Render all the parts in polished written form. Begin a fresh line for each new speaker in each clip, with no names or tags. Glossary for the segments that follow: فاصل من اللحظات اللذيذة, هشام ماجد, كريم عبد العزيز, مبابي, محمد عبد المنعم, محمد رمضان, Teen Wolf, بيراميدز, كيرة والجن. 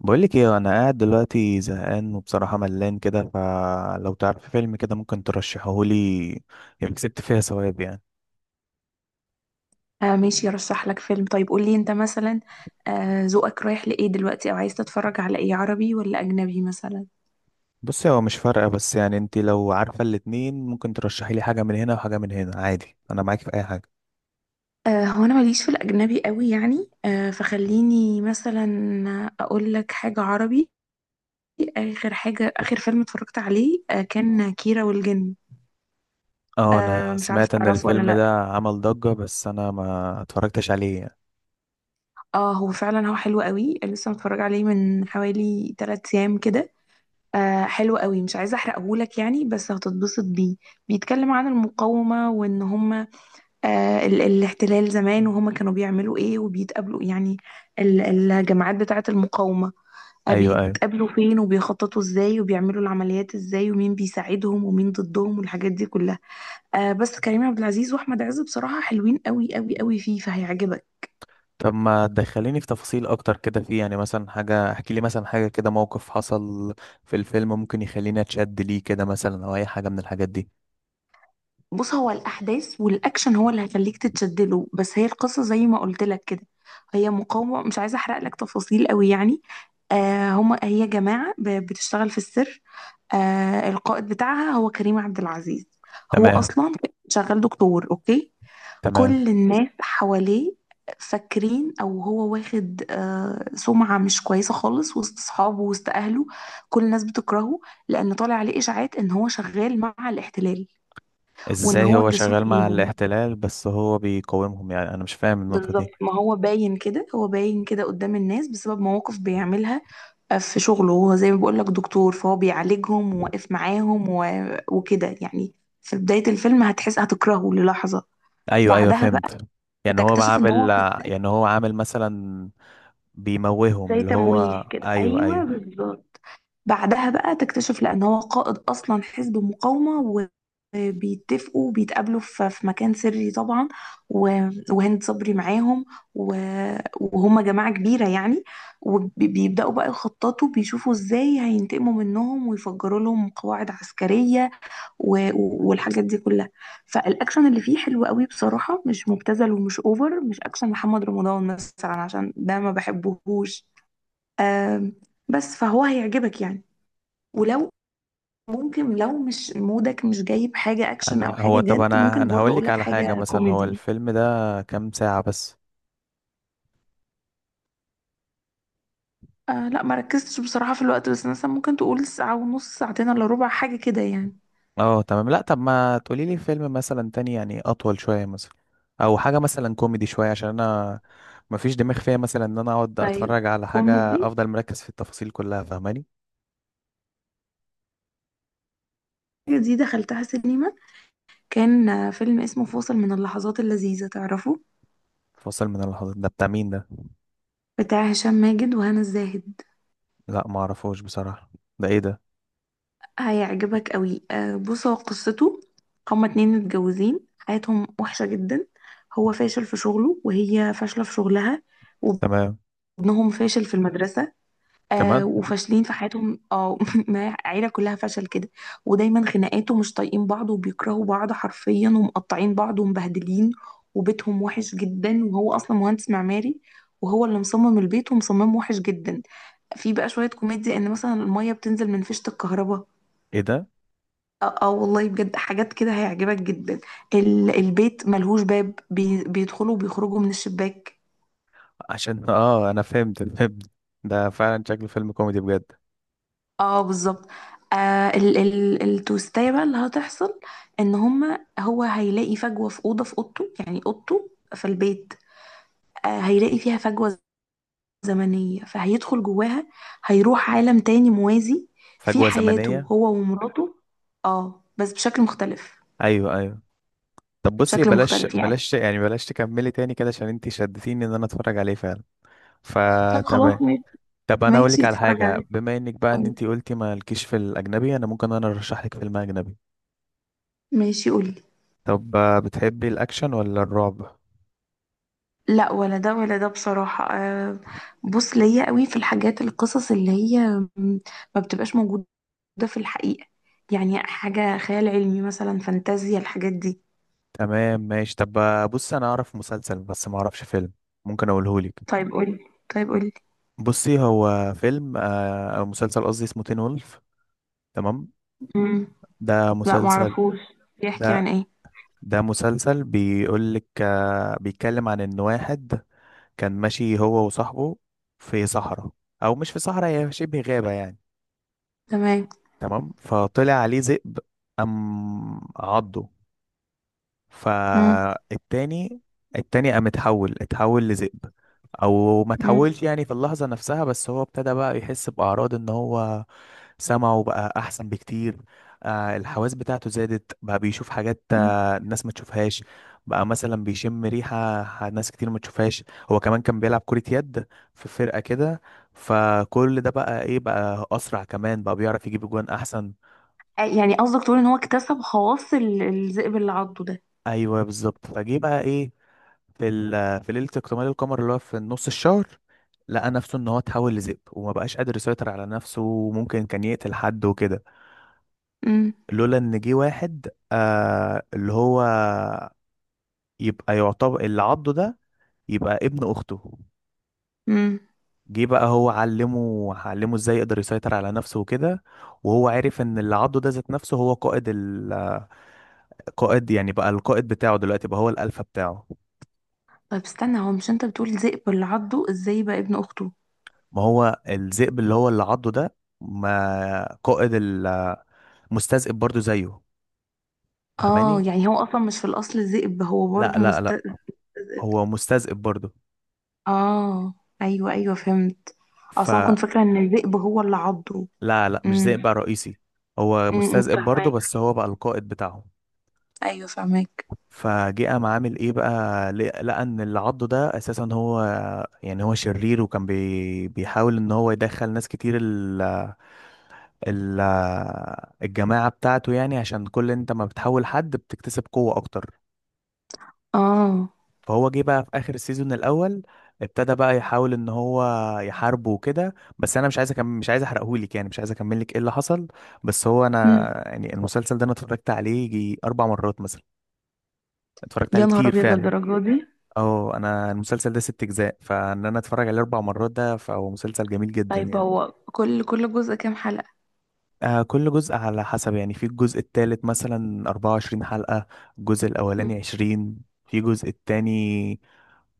بقولك ايه، انا قاعد دلوقتي زهقان وبصراحة ملان كده. فلو تعرف فيلم كده ممكن ترشحهولي، يبقى كسبت فيها ثواب يعني.
ماشي، رشح لك فيلم. طيب قول لي انت مثلا، ذوقك رايح لايه دلوقتي او عايز تتفرج على ايه، عربي ولا اجنبي مثلا؟
بصي، هو مش فارقة، بس يعني انت لو عارفة الاتنين ممكن ترشحي لي حاجة من هنا وحاجة من هنا، عادي انا معاك في اي حاجة.
هو انا ماليش في الاجنبي قوي يعني، فخليني مثلا اقول لك حاجة عربي. اخر حاجة، اخر فيلم اتفرجت عليه كان كيرة والجن.
اه انا
مش عارف
سمعت ان
تعرفه ولا
الفيلم
لا.
ده عمل ضجة، بس انا ما اتفرجتش عليه يعني.
اه، هو فعلا هو حلو قوي، لسه متفرج عليه من حوالي 3 ايام كده. حلو قوي، مش عايزه احرقهولك يعني بس هتتبسط بيه. بيتكلم عن المقاومه وان هم الاحتلال زمان وهما كانوا بيعملوا ايه وبيتقابلوا يعني، ال- الجماعات بتاعة المقاومة.
ايوه، ايوه.
بيتقابلوا فين وبيخططوا ازاي وبيعملوا العمليات ازاي ومين بيساعدهم ومين ضدهم والحاجات دي كلها. بس كريم عبد العزيز واحمد عز بصراحة حلوين قوي قوي قوي فيه، فهيعجبك.
طب ما تدخليني في تفاصيل اكتر كده، فيه يعني مثلا حاجة، احكي لي مثلا حاجة كده، موقف حصل في الفيلم ممكن يخليني اتشد ليه كده مثلا، او اي حاجة من الحاجات دي.
بص، هو الاحداث والاكشن هو اللي هيخليك تتشدله، بس هي القصة زي ما قلت لك كده، هي مقاومة. مش عايزة احرق لك تفاصيل قوي يعني. آه هما هي جماعة بتشتغل في السر. القائد بتاعها هو كريم عبد العزيز. هو
تمام.
اصلا شغال دكتور، اوكي.
تمام.
كل الناس حواليه فاكرين او هو واخد سمعة مش كويسة خالص وسط اصحابه، وسط اهله. كل الناس بتكرهه لان طالع عليه اشاعات ان هو شغال مع الاحتلال وان
ازاي
هو
هو
الجاسوس
شغال مع
ليهم.
الاحتلال، بس هو بيقاومهم؟ يعني انا مش فاهم النقطة
بالظبط،
دي.
ما هو باين كده، هو باين كده قدام الناس بسبب مواقف بيعملها في شغله، وهو زي ما بقول لك دكتور فهو بيعالجهم وواقف معاهم وكده يعني. في بداية الفيلم هتحس هتكرهه للحظة.
ايوه، ايوه،
بعدها بقى
فهمت. يعني هو
هتكتشف ان هو
عامل،
في السجن
يعني هو عامل مثلا بيموههم،
زي
اللي هو
تمويه كده.
ايوه،
ايوه
ايوه.
بالظبط. بعدها بقى تكتشف لأن هو قائد أصلا حزب مقاومة، وبيتفقوا بيتقابلوا في مكان سري طبعا، وهند صبري معاهم، وهم جماعة كبيرة يعني. وبيبدأوا بقى يخططوا، بيشوفوا ازاي هينتقموا منهم ويفجروا لهم قواعد عسكرية والحاجات دي كلها. فالأكشن اللي فيه حلو قوي بصراحة، مش مبتذل ومش أوفر، مش أكشن محمد رمضان مثلا عشان ده ما بحبهوش. آم، بس فهو هيعجبك يعني. ولو ممكن لو مش مودك مش جايب حاجة أكشن أو
انا هو،
حاجة
طب
جد،
انا
ممكن
انا
برضه
هقول لك
أقولك
على حاجة.
حاجة
مثلا هو
كوميدي.
الفيلم ده كام ساعة بس؟
لا ما ركزتش بصراحة في الوقت، بس مثلا ممكن تقول ساعة ونص، ساعتين إلا ربع، حاجة كده يعني.
اه تمام. لا، طب ما تقولي لي فيلم مثلا تاني يعني، اطول شوية مثلا، او حاجة مثلا كوميدي شوية، عشان انا مفيش دماغ فيها مثلا، ان انا اقعد
طيب،
اتفرج على حاجة
كوميدي.
افضل مركز في التفاصيل كلها، فاهماني؟
حاجة دي دخلتها سينما، كان فيلم اسمه فاصل من اللحظات اللذيذة، تعرفه؟
فاصل من اللحظات ده بتاع مين ده؟
بتاع هشام ماجد وهنا الزاهد.
لا ما اعرفوش بصراحة. ده ايه ده؟
هيعجبك قوي. بص، هو قصته هما اتنين متجوزين حياتهم وحشة جدا. هو فاشل في شغله وهي فاشلة في شغلها،
تمام.
وابنهم فاشل في المدرسة.
كمان؟
وفاشلين في حياتهم، اه ما العيله كلها فشل كده. ودايما خناقات ومش طايقين بعض وبيكرهوا بعض حرفيا، ومقطعين بعض ومبهدلين. وبيتهم وحش جدا، وهو اصلا مهندس معماري وهو اللي مصمم البيت، ومصممه وحش جدا. في بقى شويه كوميديا، ان مثلا الميه بتنزل من فيشه الكهرباء.
ايه ده؟
اه، والله بجد حاجات كده هيعجبك جدا. البيت ملهوش باب، بيدخلوا وبيخرجوا من الشباك.
عشان اه انا فهمت، فهمت. ده فعلا شكله فيلم كوميدي بجد.
اه بالظبط. آه ال ال التوستاية بقى اللي هتحصل، ان هما هو هيلاقي فجوة في أوضة في أوضته، يعني أوضته في البيت. هيلاقي فيها فجوة زمنية فهيدخل جواها، هيروح عالم تاني موازي في
فجوة
حياته
زمنية؟
هو ومراته، اه بس بشكل مختلف.
ايوه، ايوه. طب بصي،
بشكل
بلاش
مختلف يعني.
بلاش يعني، بلاش تكملي تاني كده، عشان انتي شدتيني ان انا اتفرج عليه فعلا.
طب
فتمام.
خلاص ماشي.
طب انا اقول
ماشي
لك على
اتفرج
حاجه،
عليه.
بما انك بقى ان انت قلتي مالكيش في الاجنبي، انا ممكن انا ارشح لك فيلم اجنبي.
ماشي قولي.
طب بتحبي الاكشن ولا الرعب؟
لا ولا ده ولا ده بصراحة. بص، ليا قوي في الحاجات، القصص اللي هي م- ما بتبقاش موجودة ده في الحقيقة، يعني حاجة خيال علمي مثلا، فانتازيا، الحاجات دي.
تمام ماشي. طب بص انا اعرف مسلسل بس ما اعرفش فيلم، ممكن اقوله لك.
طيب قولي. طيب قولي.
بصي هو فيلم او مسلسل قصدي، اسمه تين وولف. تمام.
مم.
ده
لا
مسلسل.
معرفوش، بيحكي
ده،
عن ايه؟
ده مسلسل بيقول لك، بيتكلم عن ان واحد كان ماشي هو وصاحبه في صحراء، او مش في صحراء، هي شبه غابه يعني.
تمام.
تمام. فطلع عليه ذئب، قام عضه.
مم.
فالتاني، التاني قام اتحول لذئب، او ما
مم.
اتحولش يعني في اللحظة نفسها، بس هو ابتدى بقى يحس بأعراض ان هو سمعه بقى احسن بكتير. آه الحواس بتاعته زادت، بقى بيشوف حاجات
مم.
آه الناس ما تشوفهاش. بقى مثلا بيشم ريحة، ناس كتير ما تشوفهاش. هو كمان كان بيلعب كرة يد في فرقة كده، فكل ده بقى ايه، بقى اسرع، كمان بقى بيعرف يجيب جوان احسن.
يعني قصدك تقول ان هو اكتسب خواص الذئب اللي عضه ده.
ايوه بالظبط. فجه بقى ايه، في ليله اكتمال القمر اللي هو في نص الشهر، لقى نفسه ان هو اتحول لذئب، وما بقاش قادر يسيطر على نفسه، وممكن كان يقتل حد وكده،
مم.
لولا ان جه واحد آه اللي هو يبقى يعتبر اللي عضه ده يبقى ابن اخته.
مم.
جه بقى هو علمه ازاي يقدر يسيطر على نفسه وكده. وهو عرف ان اللي عضه ده ذات نفسه هو قائد، القائد يعني بقى، القائد بتاعه دلوقتي بقى هو الالفا بتاعه.
طيب استنى، هو مش انت بتقول ذئب اللي عضه، ازاي بقى ابن اخته؟
ما هو الذئب اللي هو اللي عضه ده، ما قائد المستذئب برضو زيه،
اه
فاهماني؟
يعني هو اصلا مش في الاصل ذئب، هو
لا،
برضو
لا، لا،
ذئب.
هو مستذئب برضو.
اه، ايوه ايوه فهمت. اصلا كنت
فلا،
فاكره ان الذئب هو اللي عضه.
لا، لا، مش
امم.
ذئب بقى رئيسي، هو
امم.
مستذئب برضو، بس هو بقى القائد بتاعهم.
ايوه فهمك.
فجه قام عامل ايه بقى، لقى ان اللي عضه ده اساسا هو يعني هو شرير، وكان بيحاول ان هو يدخل ناس كتير ال ال الجماعة بتاعته يعني، عشان كل انت ما بتحول حد بتكتسب قوة اكتر.
اه.
فهو جه بقى في اخر السيزون الاول ابتدى بقى يحاول ان هو يحاربه وكده، بس انا مش عايز أكمل، مش عايز احرقهولك يعني، مش عايز اكمل لك ايه اللي حصل. بس هو
مم.
انا يعني المسلسل ده انا اتفرجت عليه يجي اربع مرات مثلا، اتفرجت
يا
عليه
نهار
كتير
ابيض
فعلا.
للدرجه دي.
اه انا المسلسل ده ست اجزاء، فان انا اتفرج عليه اربع مرات ده، فهو مسلسل جميل جدا
طيب
يعني.
هو كل جزء كام حلقه؟
آه كل جزء على حسب يعني، في الجزء التالت مثلا 24 حلقة، الجزء
مم.
الأولاني 20، في الجزء التاني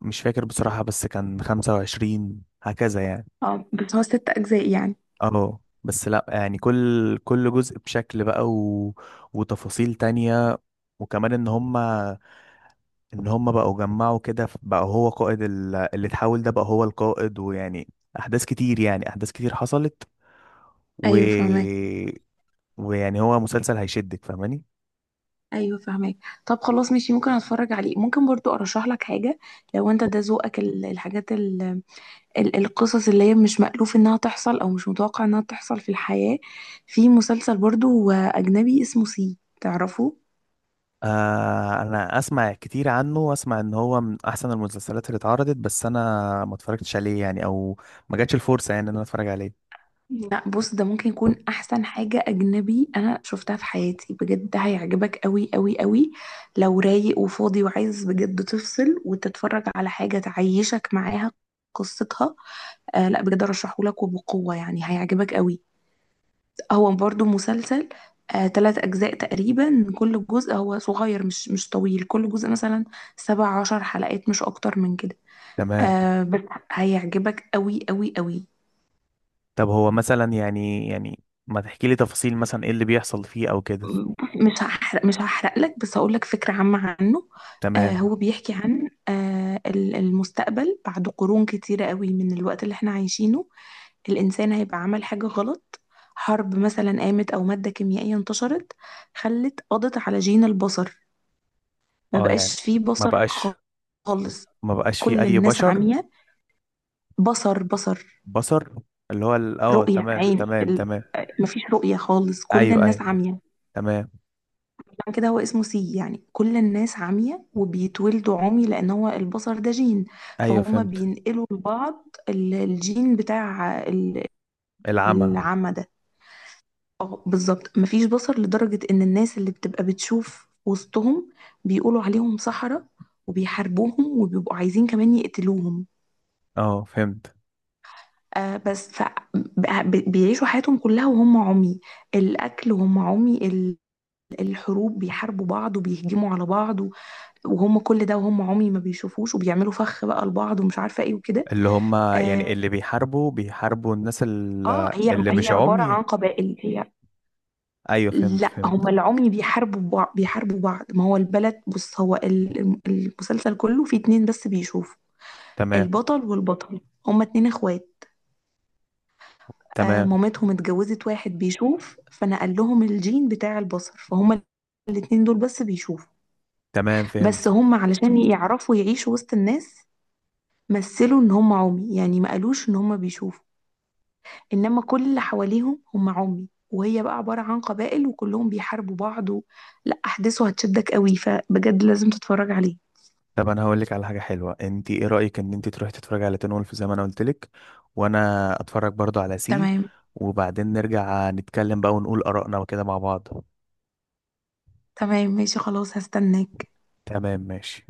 مش فاكر بصراحة، بس كان 25 هكذا يعني.
اه بس هو ست اجزاء يعني.
اه بس لا يعني كل جزء بشكل بقى وتفاصيل تانية، وكمان ان هما، بقوا جمعوا كده، بقى هو قائد اللي اتحول ده بقى هو القائد، ويعني احداث كتير، يعني احداث كتير حصلت و...
ايوه فهمك.
ويعني هو مسلسل هيشدك، فاهماني؟
ايوه فهمك. طب خلاص ماشي، ممكن اتفرج عليه. ممكن برضو ارشح لك حاجه لو انت ده ذوقك، الحاجات ال ال القصص اللي هي مش مألوف انها تحصل، او مش متوقع انها تحصل في الحياه. في مسلسل برضو اجنبي اسمه سي، تعرفه؟
آه انا اسمع كتير عنه، واسمع ان هو من احسن المسلسلات اللي اتعرضت، بس انا ما اتفرجتش عليه يعني، او ما جاتش الفرصه يعني ان انا اتفرج عليه.
لا بص، ده ممكن يكون احسن حاجة اجنبي انا شفتها في حياتي بجد، ده هيعجبك قوي قوي قوي. لو رايق وفاضي وعايز بجد تفصل وتتفرج على حاجة تعيشك معاها قصتها. لا بجد، ارشحهولك وبقوة يعني، هيعجبك قوي. هو برضو مسلسل، تلات اجزاء تقريبا، كل جزء هو صغير، مش مش طويل، كل جزء مثلا 17 حلقات، مش اكتر من كده.
تمام.
بس هيعجبك قوي قوي قوي.
طب هو مثلا يعني، يعني ما تحكي لي تفاصيل مثلا، ايه اللي بيحصل فيه او كده.
مش هحرق لك، بس هقول لك فكرة عامة عنه.
تمام.
هو بيحكي عن المستقبل بعد قرون كتيرة قوي من الوقت اللي احنا عايشينه. الإنسان هيبقى عمل حاجة غلط، حرب مثلا قامت أو مادة كيميائية انتشرت، خلت قضت على جين البصر. ما
اه يعني،
بقاش فيه
ما
بصر
بقاش،
خالص.
ما بقاش فيه
كل
اي
الناس
بشر.
عمية. بصر،
بصر، اللي هو اه
رؤية
تمام،
عين
تمام،
ال...
تمام.
آه، مفيش رؤية خالص، كل
ايوه،
الناس
ايوه.
عمية.
تمام.
عشان كده هو اسمه سي، يعني كل الناس عمية وبيتولدوا عمي لأن هو البصر ده جين،
ايوه
فهم
فهمت.
بينقلوا لبعض الجين بتاع
العمى.
العمى ده. اه بالظبط، مفيش بصر لدرجة إن الناس اللي بتبقى بتشوف وسطهم بيقولوا عليهم سحرة، وبيحاربوهم وبيبقوا عايزين كمان يقتلوهم.
اه فهمت.
آه بس ف بيعيشوا حياتهم كلها وهم عمي، الأكل وهم عمي، الحروب بيحاربوا بعض وبيهجموا على بعض، وهم كل ده وهم عمي ما بيشوفوش، وبيعملوا فخ بقى لبعض ومش عارفة ايه وكده.
اللي هم يعني،
اه،
اللي بيحاربوا، بيحاربوا الناس اللي
هي
مش
عبارة
عمي.
عن قبائل. هي
ايوه فهمت،
لا،
فهمت.
هم العمي بيحاربوا بعض. ما هو البلد، بص، هو المسلسل كله فيه اتنين بس بيشوفوا،
تمام.
البطل والبطل، هما اتنين اخوات.
تمام،
مامتهم اتجوزت واحد بيشوف فنقل لهم الجين بتاع البصر، فهما الاتنين دول بس بيشوفوا.
تمام، فهمت.
بس هما علشان يعرفوا يعيشوا وسط الناس مثلوا ان هما عمي، يعني ما قالوش ان هما بيشوفوا، انما كل اللي حواليهم هم عمي، وهي بقى عبارة عن قبائل وكلهم بيحاربوا بعض لا احداثه هتشدك قوي، فبجد لازم تتفرج عليه.
طب انا هقول لك على حاجه حلوه، انت ايه رايك ان انت تروحي تتفرجي على تين وولف زي ما انا قلت لك، وانا اتفرج برضو على سي،
تمام.
وبعدين نرجع نتكلم بقى ونقول ارائنا وكده مع بعض.
تمام ماشي خلاص، هستناك.
تمام ماشي.